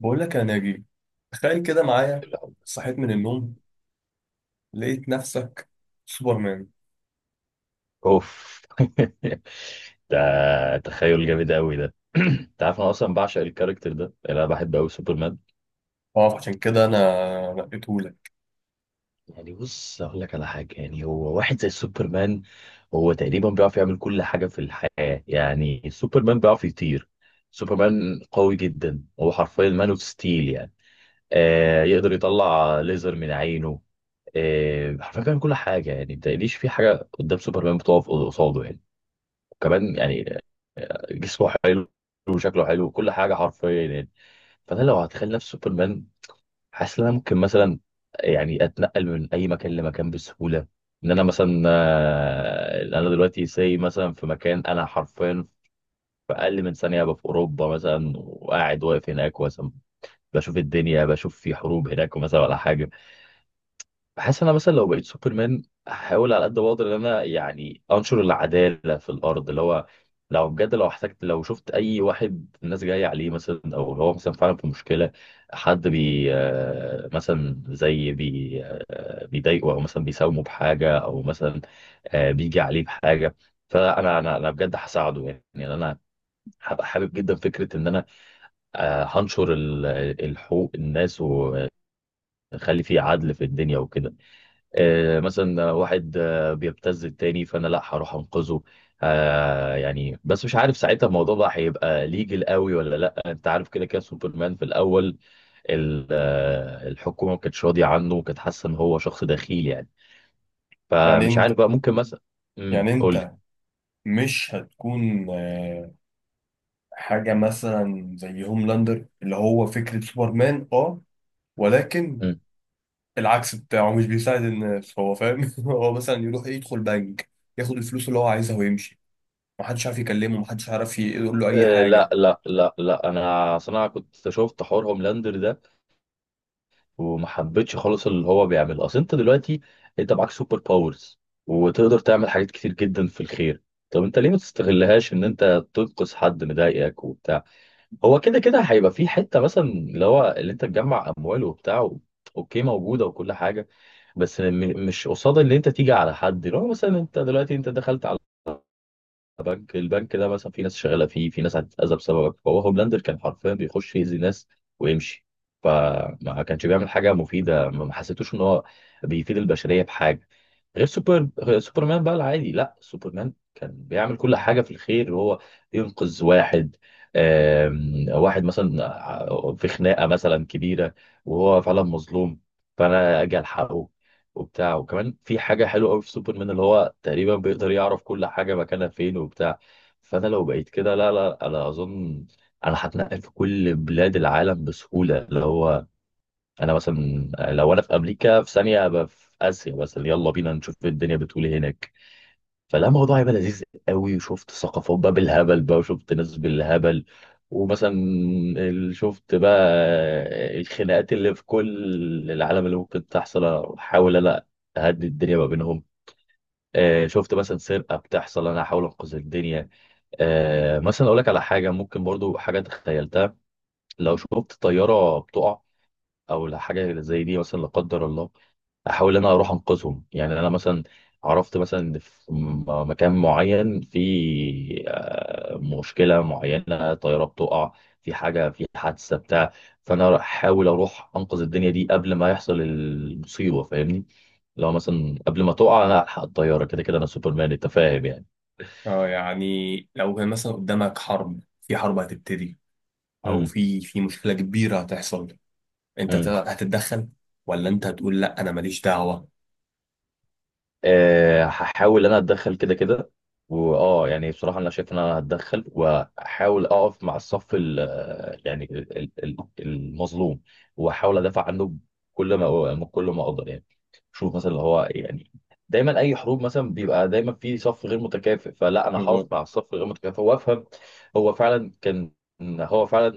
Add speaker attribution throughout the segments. Speaker 1: بقول لك يا ناجي، تخيل كده معايا.
Speaker 2: الأول.
Speaker 1: صحيت من النوم لقيت نفسك سوبرمان.
Speaker 2: اوف ده، تخيل جامد قوي ده. انت عارف انا اصلا بعشق الكاركتر ده، يعني انا بحب قوي سوبرمان.
Speaker 1: اه عشان كده انا نقيته لك.
Speaker 2: يعني بص، اقول لك على حاجه، يعني هو واحد زي سوبرمان. هو تقريبا بيعرف يعمل كل حاجه في الحياه، يعني سوبرمان بيعرف يطير. سوبرمان قوي جدا، هو حرفيا مان اوف ستيل يعني. يقدر يطلع ليزر من عينه. حرفيا بيعمل كل حاجه، يعني ما تقليش في حاجه قدام سوبرمان بتقف قصاده يعني. كمان يعني جسمه حلو وشكله حلو وكل حاجه حرفيا يعني. فانا لو هتخيل نفسي سوبرمان، حاسس ان انا ممكن مثلا يعني اتنقل من اي مكان لمكان بسهوله. ان انا مثلا انا دلوقتي ساي مثلا في مكان، انا حرفيا في اقل من ثانيه ابقى في اوروبا مثلا، وقاعد واقف هناك مثلا بشوف الدنيا، بشوف في حروب هناك مثلا ولا حاجه. بحس ان انا مثلا لو بقيت سوبرمان، هحاول على قد ما اقدر ان انا يعني انشر العداله في الارض. اللي هو لو بجد، لو احتجت، لو شفت اي واحد الناس جايه عليه مثلا، او هو مثلا فعلا في مشكله، حد بي آه، مثلا زي بي آه، بيضايقه، او مثلا بيساومه بحاجه، او مثلا بيجي عليه بحاجه، فانا انا انا بجد هساعده يعني. يعني انا هبقى حابب جدا فكره ان انا آه، هنشر ال- الحقوق الناس، واخلي فيه عدل في الدنيا وكده. مثلا واحد بيبتز التاني، فانا لا، هروح انقذه. يعني بس مش عارف ساعتها الموضوع ده هيبقى ليجل قوي ولا لا. انت عارف كده كده سوبرمان في الاول الحكومه ما كانتش راضيه عنه، وكانت حاسه ان هو شخص دخيل يعني.
Speaker 1: يعني
Speaker 2: فمش
Speaker 1: انت
Speaker 2: عارف بقى ممكن مثلا.
Speaker 1: يعني
Speaker 2: قول لي.
Speaker 1: انت مش هتكون حاجة مثلا زي هوملاندر، اللي هو فكرة سوبرمان اه، ولكن
Speaker 2: مم.
Speaker 1: العكس بتاعه مش بيساعد الناس، هو فاهم؟ هو مثلا يروح يدخل بنك، ياخد الفلوس اللي هو عايزها ويمشي. محدش عارف يكلمه، محدش عارف يقول له اي
Speaker 2: لا
Speaker 1: حاجة.
Speaker 2: لا لا لا، انا اصل انا كنت شفت حوار هوملاندر ده، وما حبيتش خالص اللي هو بيعمله. اصل انت دلوقتي انت معاك سوبر باورز، وتقدر تعمل حاجات كتير جدا في الخير. طب انت ليه ما تستغلهاش ان انت تنقذ حد مضايقك وبتاع؟ هو كده كده هيبقى في حته مثلا اللي هو اللي انت تجمع اموال وبتاع اوكي، موجوده وكل حاجه. بس مش قصاد اللي انت تيجي على حد. لو مثلا انت دلوقتي دخلت بنك، البنك ده مثلا في ناس شغاله فيه، في ناس هتتاذى بسببك. فهو هوملاندر كان حرفيا بيخش يأذي ناس ويمشي. فما كانش بيعمل حاجه مفيده. ما حسيتوش ان هو بيفيد البشريه بحاجه. غير سوبرمان بقى العادي، لا سوبرمان كان بيعمل كل حاجة في الخير. وهو ينقذ واحد، واحد مثلا في خناقة مثلا كبيرة، وهو فعلا مظلوم، فأنا أجي ألحقه وبتاع. وكمان في حاجة حلوة قوي في سوبرمان، اللي هو تقريبا بيقدر يعرف كل حاجة مكانها فين وبتاع. فأنا لو بقيت كده، لا لا أنا أظن أنا هتنقل في كل بلاد العالم بسهولة. اللي هو انا مثلا لو انا في امريكا، في ثانيه ابقى في اسيا مثلا. يلا بينا نشوف إيه الدنيا بتقول ايه هناك. فلا، الموضوع هيبقى لذيذ قوي. وشفت ثقافات بقى بالهبل بقى، وشفت ناس بالهبل. ومثلا شفت بقى الخناقات اللي في كل العالم اللي ممكن تحصل، احاول انا اهدي الدنيا ما بينهم. شفت مثلا سرقه بتحصل، انا احاول انقذ الدنيا. مثلا اقول لك على حاجه ممكن برضو حاجه تخيلتها. لو شفت طياره بتقع، او حاجه زي دي مثلا، لا قدر الله، احاول إن انا اروح انقذهم. يعني انا مثلا عرفت مثلا إن في مكان معين، في مشكله معينه، طياره بتقع، في حاجه، في حادثه بتاع، فانا احاول اروح انقذ الدنيا دي قبل ما يحصل المصيبه. فاهمني؟ لو مثلا قبل ما تقع انا الحق الطياره، كده كده انا سوبرمان، انت فاهم يعني.
Speaker 1: اه يعني لو كان مثلا قدامك حرب، حرب هتبتدي او
Speaker 2: امم.
Speaker 1: في مشكله كبيره هتحصل، انت
Speaker 2: امم.
Speaker 1: هتتدخل ولا انت هتقول لا انا ماليش دعوه؟
Speaker 2: أه هحاول انا اتدخل كده كده. واه يعني بصراحه انا شايف ان انا هتدخل، واحاول اقف مع الصف ال، يعني المظلوم، واحاول ادافع عنه كل ما اقدر يعني. شوف مثلا اللي هو يعني دايما اي حروب مثلا بيبقى دايما في صف غير متكافئ، فلا انا هقف
Speaker 1: بالظبط.
Speaker 2: مع الصف الغير متكافئ. وافهم هو فعلا كان هو فعلا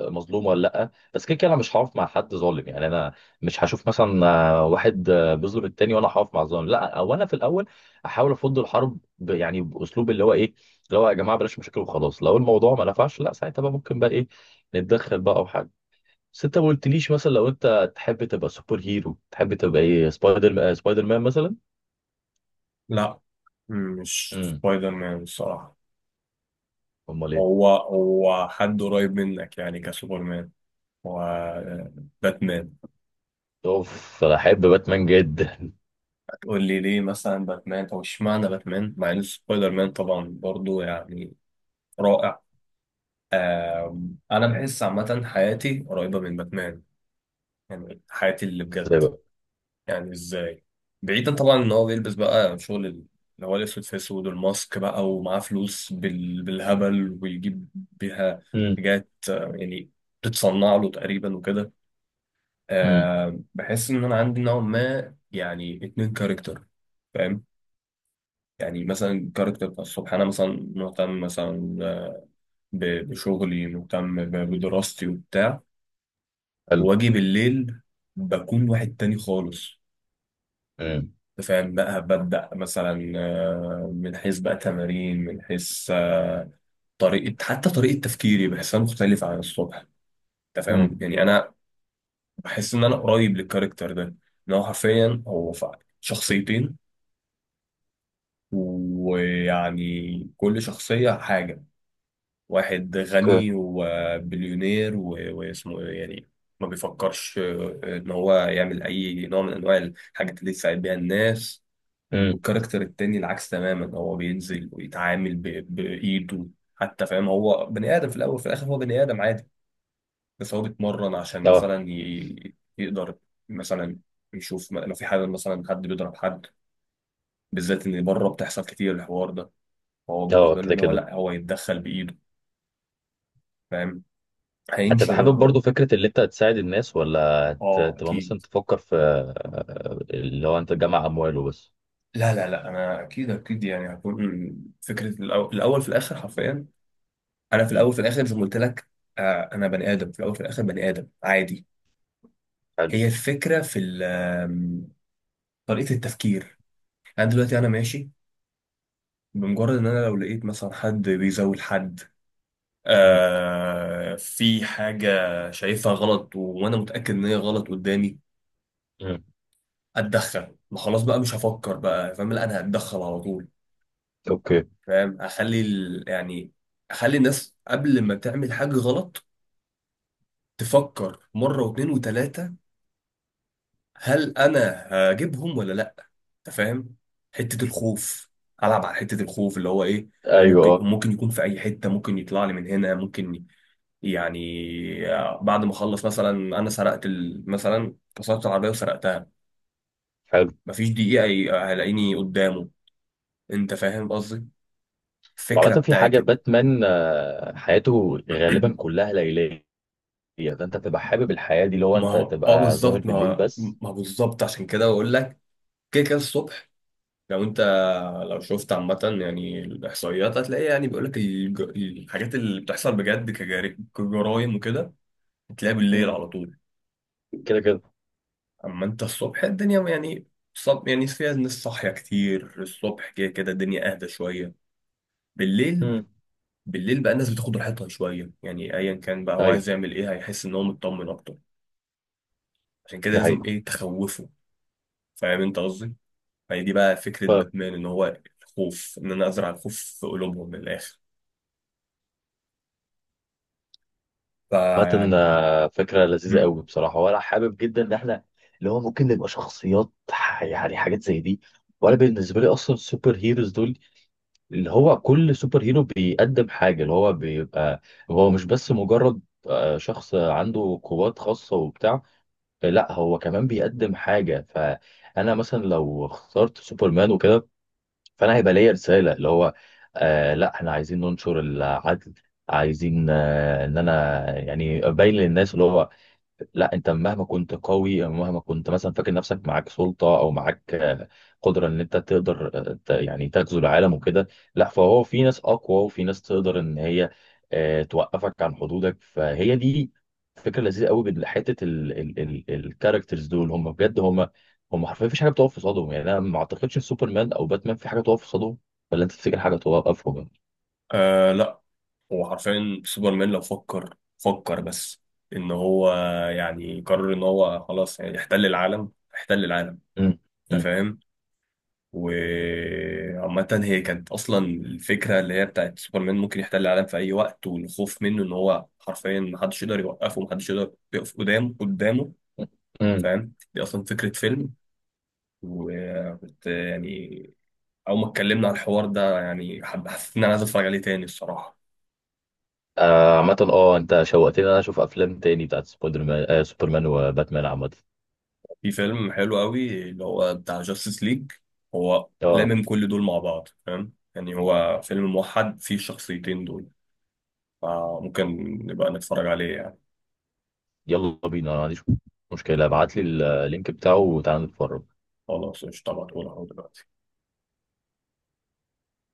Speaker 2: مظلوم ولا لا. بس كده كده انا مش هقف مع حد ظالم يعني. انا مش هشوف مثلا واحد بيظلم التاني وانا هقف مع الظالم، لا. او انا في الاول احاول افض الحرب يعني باسلوب اللي هو ايه؟ اللي هو يا جماعه بلاش مشاكل وخلاص. لو الموضوع ما نفعش، لا ساعتها بقى ممكن بقى ايه، نتدخل بقى او حاجه. بس انت ما قلتليش مثلا لو انت تحب تبقى سوبر هيرو تحب تبقى ايه؟ سبايدر سبايدر مان مثلا.
Speaker 1: لا مش
Speaker 2: امم،
Speaker 1: سبايدر مان الصراحه.
Speaker 2: امال ايه؟
Speaker 1: هو هو حد قريب منك، يعني كسوبرمان وباتمان.
Speaker 2: اوف انا احب باتمان جدا.
Speaker 1: هتقول لي ليه مثلا باتمان او اشمعنى باتمان، مع ان سبايدر مان طبعا برضو يعني رائع. انا بحس عامه حياتي قريبه من باتمان، يعني حياتي اللي
Speaker 2: ازاي
Speaker 1: بجد.
Speaker 2: بقى؟
Speaker 1: يعني ازاي؟ بعيدا طبعا ان هو بيلبس بقى شغل اللي هو الاسود في اسود والماسك بقى، ومعاه فلوس بالهبل ويجيب بيها
Speaker 2: امم.
Speaker 1: حاجات يعني بتتصنع له تقريبا وكده.
Speaker 2: امم.
Speaker 1: أه بحس ان انا عندي نوع ما يعني اتنين كاركتر، فاهم؟ يعني مثلا الكاركتر بتاع الصبح، انا مثلا مهتم مثلا، بشغلي، مهتم بدراستي وبتاع.
Speaker 2: حلو.
Speaker 1: واجي بالليل بكون واحد تاني خالص،
Speaker 2: امم.
Speaker 1: فاهم بقى. ببدأ مثلا من حيث بقى تمارين، من حيث طريقة، حتى طريقة تفكيري بحسها مختلفة عن الصبح. انت فاهم
Speaker 2: امم.
Speaker 1: يعني، انا بحس ان انا قريب للكاركتر ده. ان هو حرفيا هو شخصيتين، ويعني كل شخصية حاجة. واحد
Speaker 2: اوكي.
Speaker 1: غني وبليونير واسمه إيه يعني، ما بيفكرش ان هو يعمل اي نوع من انواع الحاجات اللي تساعد بيها الناس.
Speaker 2: امم.
Speaker 1: والكاركتر التاني العكس تماما، هو بينزل ويتعامل بإيده، حتى فاهم. هو بني آدم في الأول وفي الآخر، هو بني آدم عادي، بس هو بيتمرن عشان
Speaker 2: اه.
Speaker 1: مثلا يقدر مثلا يشوف، لو في حاجة مثلا حد بيضرب حد، بالذات إن بره بتحصل كتير الحوار ده. فهو
Speaker 2: اه
Speaker 1: بالنسبة له
Speaker 2: كده
Speaker 1: إن هو
Speaker 2: كده.
Speaker 1: لأ، هو يتدخل بإيده، فاهم؟
Speaker 2: هتبقى
Speaker 1: هينشر
Speaker 2: حابب
Speaker 1: الرعب.
Speaker 2: برضو فكرة اللي انت هتساعد الناس، ولا
Speaker 1: اه
Speaker 2: هتبقى مثلا
Speaker 1: اكيد،
Speaker 2: تفكر في اللي هو انت تجمع امواله بس؟
Speaker 1: لا انا اكيد اكيد، يعني هكون فكره الاول في الاخر حرفيا. انا في
Speaker 2: مم.
Speaker 1: الاول في الاخر زي ما قلت لك، انا بني ادم في الاول في الاخر بني ادم عادي.
Speaker 2: حلو.
Speaker 1: هي الفكرة في طريقة التفكير. أنا دلوقتي ماشي، بمجرد إن أنا لو لقيت مثلا حد بيزول حد،
Speaker 2: مم.
Speaker 1: في حاجة شايفها غلط وأنا متأكد إن هي غلط قدامي،
Speaker 2: مم.
Speaker 1: أتدخل. ما خلاص بقى مش هفكر بقى، فاهم؟ لا أنا هتدخل على طول،
Speaker 2: اوكي.
Speaker 1: فاهم؟ أخلي يعني أخلي الناس قبل ما تعمل حاجة غلط تفكر مرة واتنين وتلاتة، هل انا هجيبهم ولا لا. انت فاهم؟ حته الخوف، العب على حته الخوف، اللي هو ايه، هو
Speaker 2: ايوه
Speaker 1: ممكن
Speaker 2: اه.
Speaker 1: ممكن يكون في اي حته، ممكن يطلع لي من هنا، ممكن يعني بعد ما اخلص مثلا، انا سرقت مثلا كسرت العربيه وسرقتها،
Speaker 2: حلو.
Speaker 1: مفيش دقيقه هلاقيني قدامه. انت فاهم قصدي؟
Speaker 2: وعامة
Speaker 1: الفكره
Speaker 2: في
Speaker 1: بتاعت
Speaker 2: حاجة باتمان، حياته غالبا كلها ليلية. فانت تبقى حابب الحياة دي، اللي هو
Speaker 1: ما
Speaker 2: انت
Speaker 1: هو اه
Speaker 2: تبقى ظاهر
Speaker 1: بالظبط، ما
Speaker 2: بالليل
Speaker 1: هو
Speaker 2: بس؟
Speaker 1: بالظبط، عشان كده بقول لك كده كده الصبح. لو انت لو شفت عامة يعني الإحصائيات، هتلاقي يعني بيقولك الحاجات اللي بتحصل بجد كجرايم وكده، هتلاقيها بالليل
Speaker 2: مم.
Speaker 1: على طول.
Speaker 2: كده كده.
Speaker 1: أما انت الصبح الدنيا يعني يعني فيها ناس صاحية كتير الصبح، كده كده الدنيا أهدى شوية بالليل.
Speaker 2: مم.
Speaker 1: بالليل بقى الناس بتاخد راحتها شوية، يعني أيا كان بقى هو
Speaker 2: ايوه،
Speaker 1: عايز يعمل إيه هيحس إن هو مطمن أكتر. عشان كده
Speaker 2: دي
Speaker 1: لازم
Speaker 2: حقيقة.
Speaker 1: إيه، تخوفه. فاهم انت قصدي؟ فهي دي بقى فكرة باتمان، إن هو الخوف، إن أنا أزرع الخوف في قلوبهم من الآخر.
Speaker 2: عامة
Speaker 1: فيعني
Speaker 2: فكرة لذيذة قوي بصراحة، وأنا حابب جدا إن إحنا اللي هو ممكن نبقى شخصيات يعني حاجات زي دي. وأنا بالنسبة لي أصلا السوبر هيروز دول، اللي هو كل سوبر هيرو بيقدم حاجة. اللي هو بيبقى هو مش بس مجرد شخص عنده قوات خاصة وبتاع، لا هو كمان بيقدم حاجة. فأنا مثلا لو اخترت سوبرمان وكده، فأنا هيبقى ليا رسالة اللي هو آه لا، إحنا عايزين ننشر العدل. عايزين ان انا يعني ابين للناس اللي هو لا، انت مهما كنت قوي، مهما كنت مثلا فاكر نفسك معاك سلطه او معاك قدره ان انت تقدر يعني تغزو العالم وكده، لا. فهو في ناس اقوى، وفي ناس تقدر ان هي توقفك عن حدودك. فهي دي فكره لذيذه قوي بحته. الكاركترز دول هم بجد هم حرفيا مفيش حاجه بتقف في صدهم يعني. انا ما اعتقدش إن سوبرمان او باتمان في حاجه تقف في صدهم. ولا انت تفتكر حاجه توقفهم؟
Speaker 1: آه لا، هو حرفيا سوبرمان لو فكر، فكر بس ان هو يعني قرر ان هو خلاص يعني يحتل العالم، احتل العالم.
Speaker 2: امم.
Speaker 1: انت فاهم؟ وعامة هي كانت اصلا الفكرة اللي هي بتاعت سوبرمان، ممكن يحتل العالم في اي وقت، والخوف منه ان هو حرفيا محدش يقدر يوقفه، محدش يقدر يقف قدامه،
Speaker 2: امم.
Speaker 1: فاهم؟ دي اصلا فكرة فيلم، وكنت يعني اول ما اتكلمنا على الحوار ده يعني حسيت ان انا عايز اتفرج عليه تاني الصراحة.
Speaker 2: عامة اه انت شوقتني إن انا اشوف افلام تاني بتاعت سبايدر مان، آه سوبرمان وباتمان عامة.
Speaker 1: في فيلم حلو قوي اللي هو بتاع جاستس ليج، هو
Speaker 2: اه
Speaker 1: لامم كل دول مع بعض، فاهم يعني هو فيلم موحد فيه الشخصيتين دول، فممكن نبقى نتفرج عليه يعني.
Speaker 2: يلا بينا، انا ما عنديش مشكلة. ابعت لي اللينك بتاعه وتعالى نتفرج.
Speaker 1: خلاص قشطة، هبعتهولك اهو دلوقتي.